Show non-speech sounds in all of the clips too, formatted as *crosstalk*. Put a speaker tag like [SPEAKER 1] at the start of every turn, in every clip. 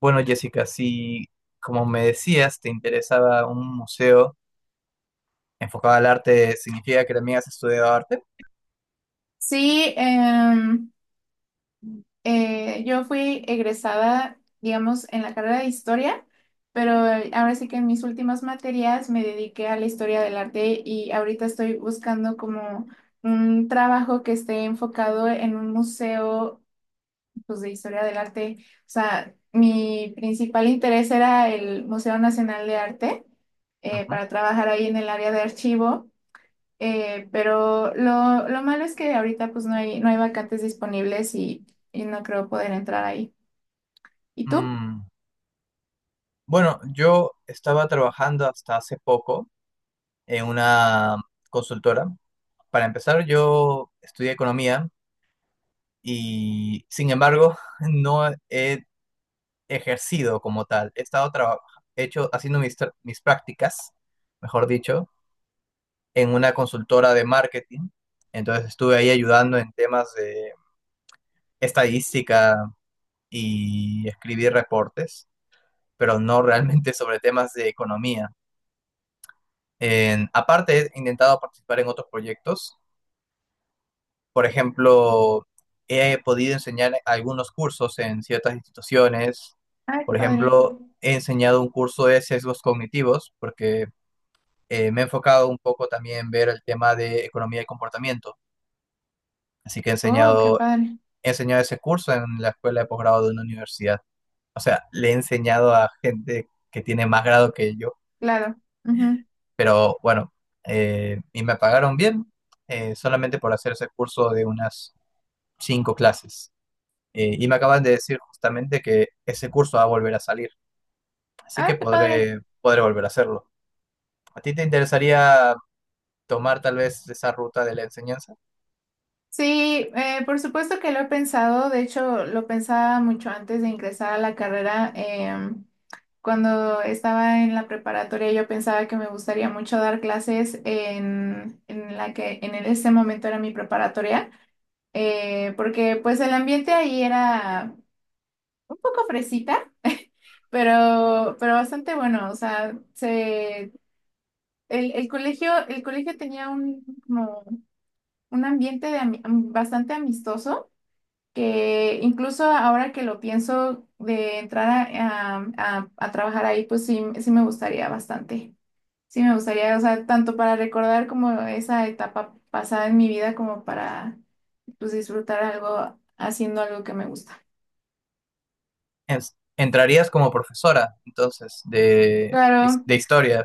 [SPEAKER 1] Bueno, Jessica, si como me decías, te interesaba un museo enfocado al arte, ¿significa que también has estudiado arte?
[SPEAKER 2] Sí, yo fui egresada, digamos, en la carrera de historia, pero ahora sí que en mis últimas materias me dediqué a la historia del arte y ahorita estoy buscando como un trabajo que esté enfocado en un museo, pues, de historia del arte. O sea, mi principal interés era el Museo Nacional de Arte
[SPEAKER 1] Ujú.
[SPEAKER 2] para trabajar ahí en el área de archivo. Pero lo malo es que ahorita pues no hay vacantes disponibles y no creo poder entrar ahí. ¿Y tú?
[SPEAKER 1] Mm, Bueno, yo estaba trabajando hasta hace poco en una consultora. Para empezar, yo estudié economía y, sin embargo, *laughs* no he ejercido como tal. He estado haciendo mis prácticas, mejor dicho, en una consultora de marketing. Entonces estuve ahí ayudando en temas de estadística y escribir reportes, pero no realmente sobre temas de economía. Aparte, he intentado participar en otros proyectos. Por ejemplo, he podido enseñar algunos cursos en ciertas instituciones.
[SPEAKER 2] Ay, qué
[SPEAKER 1] Por
[SPEAKER 2] padre.
[SPEAKER 1] ejemplo, he enseñado un curso de sesgos cognitivos porque me he enfocado un poco también en ver el tema de economía y comportamiento. Así que he
[SPEAKER 2] Oh, qué
[SPEAKER 1] enseñado,
[SPEAKER 2] padre.
[SPEAKER 1] he enseñado ese curso en la escuela de posgrado de una universidad. O sea, le he enseñado a gente que tiene más grado que yo,
[SPEAKER 2] Claro. Ujú.
[SPEAKER 1] pero bueno, y me pagaron bien, solamente por hacer ese curso de unas cinco clases. Y me acaban de decir justamente que ese curso va a volver a salir, así
[SPEAKER 2] Ay,
[SPEAKER 1] que
[SPEAKER 2] qué padre.
[SPEAKER 1] podré volver a hacerlo. ¿A ti te interesaría tomar tal vez esa ruta de la enseñanza?
[SPEAKER 2] Sí, por supuesto que lo he pensado. De hecho, lo pensaba mucho antes de ingresar a la carrera. Cuando estaba en la preparatoria, yo pensaba que me gustaría mucho dar clases en la que en ese momento era mi preparatoria porque pues el ambiente ahí era un poco fresita, pero bastante bueno. O sea, se, el, el colegio tenía un, como un ambiente de bastante amistoso, que incluso ahora que lo pienso de entrar a, a trabajar ahí, pues sí, sí me gustaría bastante. Sí me gustaría, o sea, tanto para recordar como esa etapa pasada en mi vida, como para pues disfrutar algo haciendo algo que me gusta.
[SPEAKER 1] En- ¿Entrarías como profesora, entonces, de,
[SPEAKER 2] Claro.
[SPEAKER 1] de historia,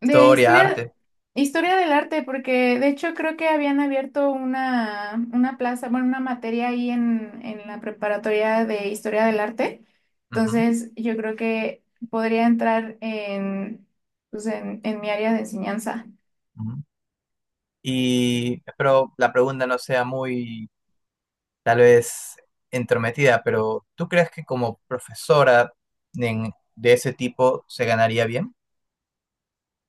[SPEAKER 2] De historia,
[SPEAKER 1] arte?
[SPEAKER 2] historia del arte, porque de hecho creo que habían abierto una plaza, bueno, una materia ahí en la preparatoria de historia del arte.
[SPEAKER 1] Ujú,
[SPEAKER 2] Entonces, yo creo que podría entrar en, pues, en mi área de enseñanza.
[SPEAKER 1] ujú. Y espero la pregunta no sea muy tal vez entrometida, pero ¿tú crees que como profesora, de ese tipo, se ganaría bien?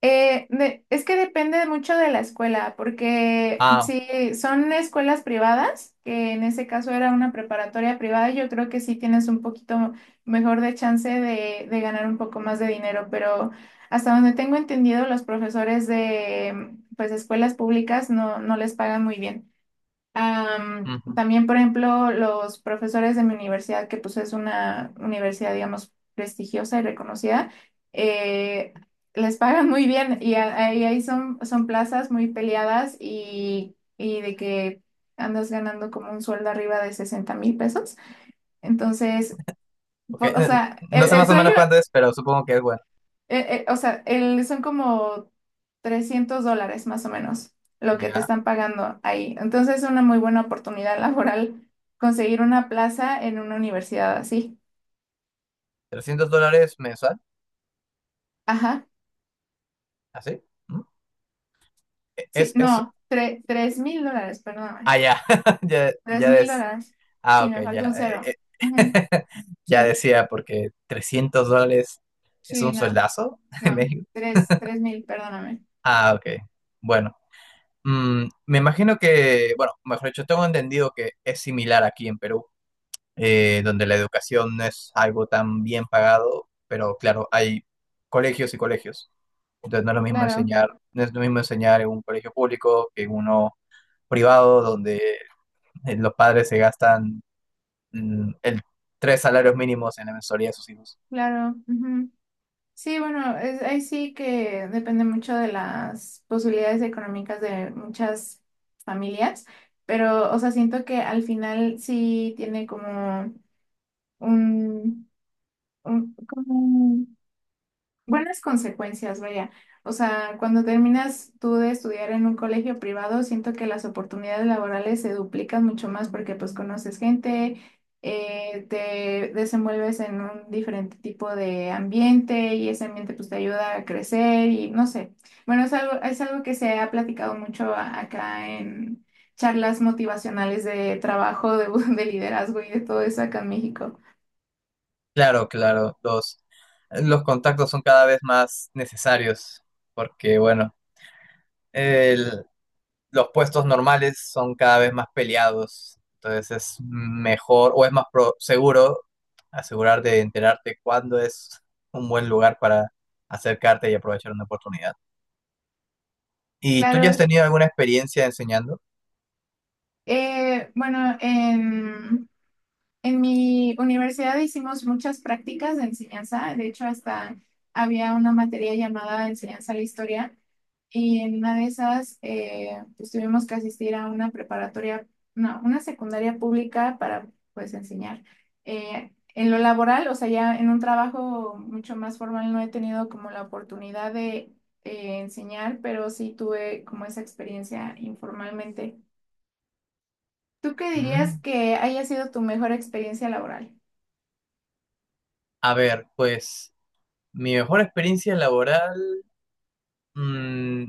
[SPEAKER 2] Es que depende mucho de la escuela, porque
[SPEAKER 1] Ah,
[SPEAKER 2] si son escuelas privadas, que en ese caso era una preparatoria privada, yo creo que sí tienes un poquito mejor de chance de ganar un poco más de dinero, pero hasta donde tengo entendido, los profesores de pues escuelas públicas no, no les pagan muy bien.
[SPEAKER 1] ujú,
[SPEAKER 2] También, por ejemplo, los profesores de mi universidad, que pues es una universidad, digamos, prestigiosa y reconocida, eh, les pagan muy bien y ahí son, son plazas muy peleadas y de que andas ganando como un sueldo arriba de 60.000 pesos. Entonces,
[SPEAKER 1] ok.
[SPEAKER 2] o sea,
[SPEAKER 1] No sé
[SPEAKER 2] el
[SPEAKER 1] más o
[SPEAKER 2] sueño
[SPEAKER 1] menos cuánto es, pero supongo que es bueno.
[SPEAKER 2] o sea, son como $300 más o menos lo que te
[SPEAKER 1] Ya,
[SPEAKER 2] están pagando ahí. Entonces es una muy buena oportunidad *laughs* laboral conseguir una plaza en una universidad así.
[SPEAKER 1] $300 mensual,
[SPEAKER 2] Ajá.
[SPEAKER 1] ¿así? ¿Mm? E-
[SPEAKER 2] Sí,
[SPEAKER 1] Es, es,
[SPEAKER 2] no, $3.000, perdóname.
[SPEAKER 1] ah, ya, *laughs*
[SPEAKER 2] Tres
[SPEAKER 1] ya
[SPEAKER 2] mil
[SPEAKER 1] es,
[SPEAKER 2] dólares.
[SPEAKER 1] ah,
[SPEAKER 2] Sí,
[SPEAKER 1] ok,
[SPEAKER 2] me
[SPEAKER 1] ya.
[SPEAKER 2] falta un cero. Ujú.
[SPEAKER 1] *laughs* Ya
[SPEAKER 2] Sí,
[SPEAKER 1] decía, porque $300 es
[SPEAKER 2] sí,
[SPEAKER 1] un
[SPEAKER 2] no,
[SPEAKER 1] soldazo *laughs* en
[SPEAKER 2] no.
[SPEAKER 1] México.
[SPEAKER 2] 3.000, perdóname.
[SPEAKER 1] Ah, ok, bueno. Me imagino que, bueno, mejor dicho, tengo entendido que es similar aquí en Perú, donde la educación no es algo tan bien pagado, pero claro, hay colegios y colegios. Entonces no es lo mismo
[SPEAKER 2] Claro,
[SPEAKER 1] enseñar, no es lo mismo enseñar en un colegio público que en uno privado, donde los padres se gastan, mm, el tres salarios mínimos en la mensualidad de sus hijos.
[SPEAKER 2] claro. Ujú. Sí, bueno, es, ahí sí que depende mucho de las posibilidades económicas de muchas familias, pero, o sea, siento que al final sí tiene como un, un, como buenas consecuencias, vaya. O sea, cuando terminas tú de estudiar en un colegio privado, siento que las oportunidades laborales se duplican mucho más porque pues conoces gente, te desenvuelves en un diferente tipo de ambiente y ese ambiente pues te ayuda a crecer y no sé. Bueno, es algo que se ha platicado mucho acá en charlas motivacionales de trabajo, de, *laughs* de liderazgo y de todo eso acá en México.
[SPEAKER 1] Claro, claro, los contactos son cada vez más necesarios, porque bueno, el, los puestos normales son cada vez más peleados, entonces es mejor o es más seguro asegurarte de enterarte cuándo es un buen lugar para acercarte y aprovechar una oportunidad. ¿Y tú ya has
[SPEAKER 2] Claro.
[SPEAKER 1] tenido alguna experiencia enseñando?
[SPEAKER 2] Eh, bueno, en En mi universidad hicimos muchas prácticas de enseñanza, de hecho hasta había una materia llamada enseñanza a la historia y en una de esas pues tuvimos que asistir a una preparatoria, no, una secundaria pública para pues enseñar. En lo laboral, o sea, ya en un trabajo mucho más formal no he tenido como la oportunidad de enseñar, pero sí tuve como esa experiencia informalmente. ¿Tú qué
[SPEAKER 1] Mm,
[SPEAKER 2] dirías que haya sido tu mejor experiencia laboral?
[SPEAKER 1] A ver, pues mi mejor experiencia laboral, mm,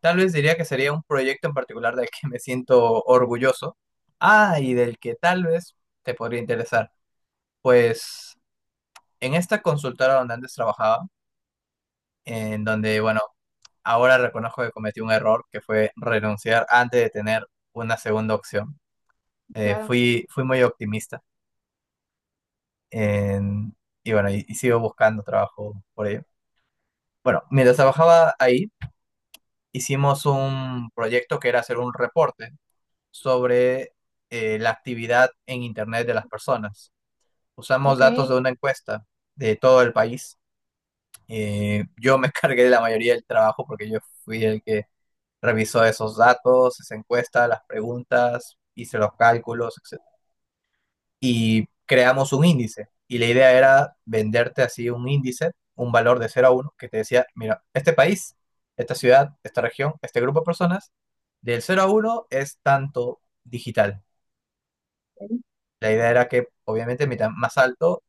[SPEAKER 1] tal vez diría que sería un proyecto en particular del que me siento orgulloso. Ah, y del que tal vez te podría interesar. Pues en esta consultora donde antes trabajaba, en donde, bueno, ahora reconozco que cometí un error que fue renunciar antes de tener una segunda opción.
[SPEAKER 2] Claro.
[SPEAKER 1] Fui muy optimista, en- y bueno, y sigo buscando trabajo por ello. Bueno, mientras trabajaba ahí, hicimos un proyecto que era hacer un reporte sobre, la actividad en Internet de las personas. Usamos
[SPEAKER 2] Ok,
[SPEAKER 1] datos de una encuesta de todo el país. Yo me *laughs* cargué de la mayoría del trabajo porque yo fui el que revisó esos datos, esa encuesta, las preguntas, hice los cálculos, etcétera. Y creamos un índice. Y la idea era venderte así un índice, un valor de cero a uno, que te decía, mira, este país, esta ciudad, esta región, este grupo de personas, del cero a uno es tanto digital. La idea era que, obviamente, mientras más alto,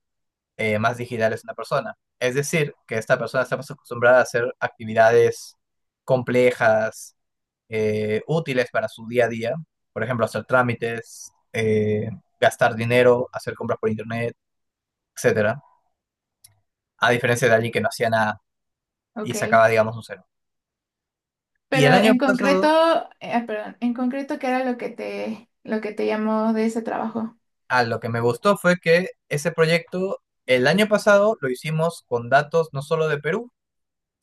[SPEAKER 1] más digital es una persona. Es decir, que esta persona está más acostumbrada a hacer actividades complejas, útiles para su día a día, por ejemplo, hacer trámites, gastar dinero, hacer compras por internet, etcétera, a diferencia de alguien que no hacía nada y
[SPEAKER 2] ok.
[SPEAKER 1] sacaba, digamos, un cero. Y el
[SPEAKER 2] Pero
[SPEAKER 1] año
[SPEAKER 2] en
[SPEAKER 1] pasado,
[SPEAKER 2] concreto, perdón, en concreto, ¿qué era lo que te llamó de ese trabajo?
[SPEAKER 1] a lo que me gustó fue que ese proyecto, el año pasado, lo hicimos con datos no solo de Perú,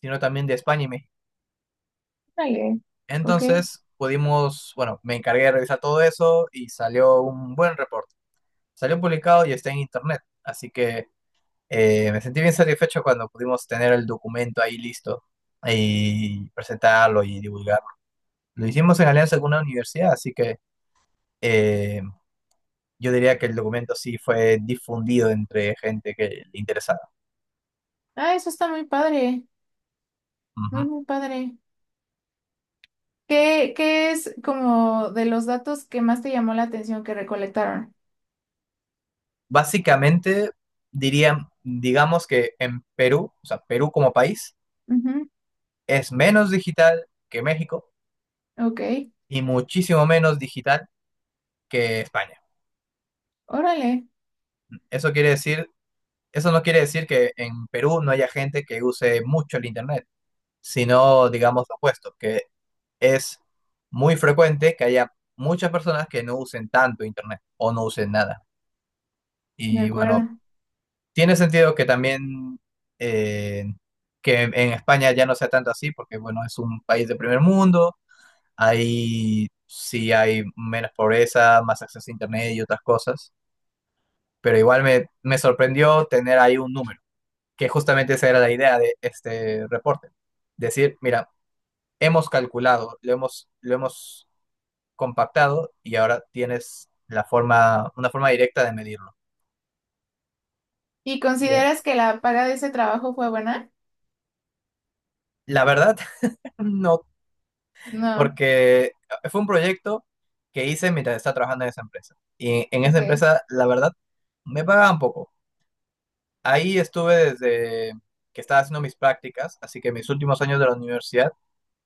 [SPEAKER 1] sino también de España y México.
[SPEAKER 2] Vale. Ok.
[SPEAKER 1] Entonces pudimos, bueno, me encargué de revisar todo eso y salió un buen reporte. Salió publicado y está en internet, así que me sentí bien satisfecho cuando pudimos tener el documento ahí listo y presentarlo y divulgarlo. Lo hicimos en alianza con una universidad, así que eh, yo diría que el documento sí fue difundido entre gente que le interesaba.
[SPEAKER 2] Ah, eso está muy padre, muy,
[SPEAKER 1] Ujú.
[SPEAKER 2] muy padre. ¿Qué, qué es como de los datos que más te llamó la atención que recolectaron?
[SPEAKER 1] Básicamente, diría, digamos que en Perú, o sea, Perú como país,
[SPEAKER 2] Ujú.
[SPEAKER 1] es menos digital que México
[SPEAKER 2] Ok,
[SPEAKER 1] y muchísimo menos digital que España.
[SPEAKER 2] órale,
[SPEAKER 1] Eso quiere decir, eso no quiere decir que en Perú no haya gente que use mucho el Internet, sino digamos lo opuesto, que es muy frecuente que haya muchas personas que no usen tanto internet o no usen nada.
[SPEAKER 2] de
[SPEAKER 1] Y bueno,
[SPEAKER 2] acuerdo.
[SPEAKER 1] tiene sentido que también, eh, que en España ya no sea tanto así, porque bueno, es un país de primer mundo, ahí sí hay menos pobreza, más acceso a internet y otras cosas, pero igual me sorprendió tener ahí un número, que justamente esa era la idea de este reporte. Decir, mira, hemos calculado, lo hemos compactado y ahora tienes la forma, una forma directa de medirlo.
[SPEAKER 2] ¿Y
[SPEAKER 1] Así que,
[SPEAKER 2] consideras que la paga de ese trabajo fue buena?
[SPEAKER 1] la verdad, *laughs* no,
[SPEAKER 2] No,
[SPEAKER 1] porque fue un proyecto que hice mientras estaba trabajando en esa empresa. Y en esa
[SPEAKER 2] ok,
[SPEAKER 1] empresa, la verdad, me pagaban poco. Ahí estuve desde que estaba haciendo mis prácticas, así que mis últimos años de la universidad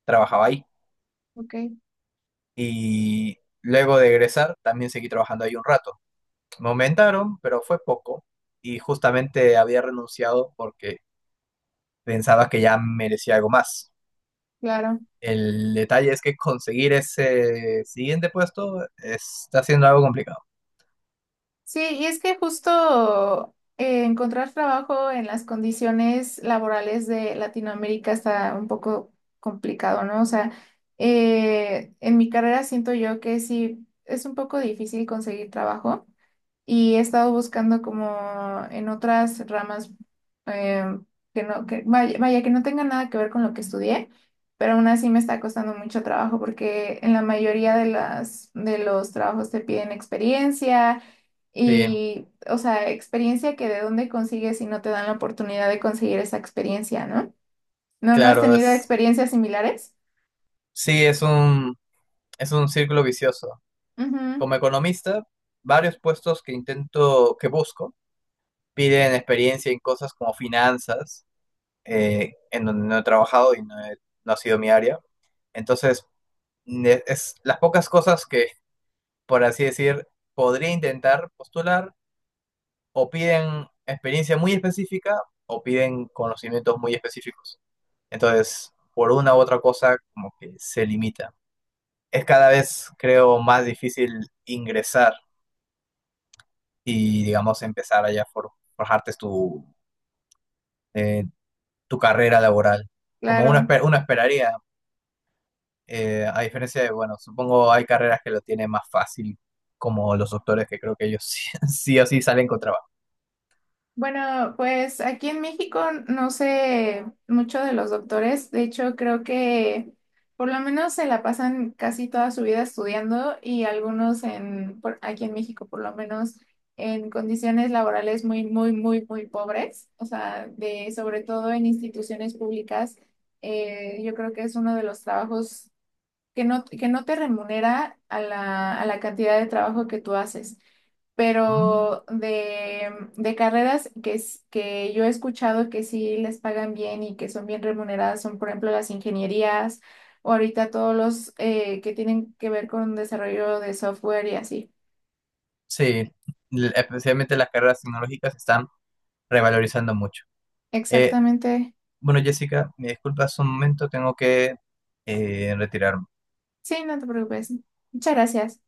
[SPEAKER 1] trabajaba ahí.
[SPEAKER 2] ok,
[SPEAKER 1] Y luego de egresar, también seguí trabajando ahí un rato. Me aumentaron, pero fue poco. Y justamente había renunciado porque pensaba que ya merecía algo más.
[SPEAKER 2] claro.
[SPEAKER 1] El detalle es que conseguir ese siguiente puesto está siendo algo complicado.
[SPEAKER 2] Sí, y es que justo encontrar trabajo en las condiciones laborales de Latinoamérica está un poco complicado, ¿no? O sea, en mi carrera siento yo que sí es un poco difícil conseguir trabajo y he estado buscando como en otras ramas eh, que no, que vaya, vaya, que no tengan nada que ver con lo que estudié, pero aún así me está costando mucho trabajo porque en la mayoría de las, de los trabajos te piden experiencia
[SPEAKER 1] Sí,
[SPEAKER 2] y, o sea, experiencia que de dónde consigues si no te dan la oportunidad de conseguir esa experiencia, ¿no? ¿No, no has
[SPEAKER 1] claro,
[SPEAKER 2] tenido experiencias similares?
[SPEAKER 1] sí, es un círculo vicioso.
[SPEAKER 2] Ujú,
[SPEAKER 1] Como economista, varios puestos que intento, que busco, piden experiencia en cosas como finanzas, en donde no he trabajado y no ha sido mi área. Entonces, es las pocas cosas que, por así decir, podría intentar postular, o piden experiencia muy específica o piden conocimientos muy específicos. Entonces, por una u otra cosa, como que se limita. Es cada vez, creo, más difícil ingresar y, digamos, empezar allá a forjarte eh, tu carrera laboral. Como uno,
[SPEAKER 2] claro.
[SPEAKER 1] esper- uno esperaría, a diferencia de, bueno, supongo hay carreras que lo tienen más fácil, como los doctores, que creo que ellos *laughs* sí, sí o sí salen con trabajo.
[SPEAKER 2] Bueno, pues aquí en México no sé mucho de los doctores. De hecho, creo que por lo menos se la pasan casi toda su vida estudiando y algunos en, aquí en México por lo menos en condiciones laborales muy, muy, muy, muy pobres. O sea, de, sobre todo en instituciones públicas, yo creo que es uno de los trabajos que no te remunera a la cantidad de trabajo que tú haces
[SPEAKER 1] Mm,
[SPEAKER 2] pero de carreras que, que yo he escuchado que sí les pagan bien y que son bien remuneradas son, por ejemplo, las ingenierías o ahorita todos los que tienen que ver con desarrollo de software y así.
[SPEAKER 1] sí, especialmente las carreras tecnológicas se están revalorizando mucho. Eh,
[SPEAKER 2] Exactamente.
[SPEAKER 1] bueno, Jessica, me disculpas un momento, tengo que retirarme.
[SPEAKER 2] Sí, no te preocupes. Muchas gracias.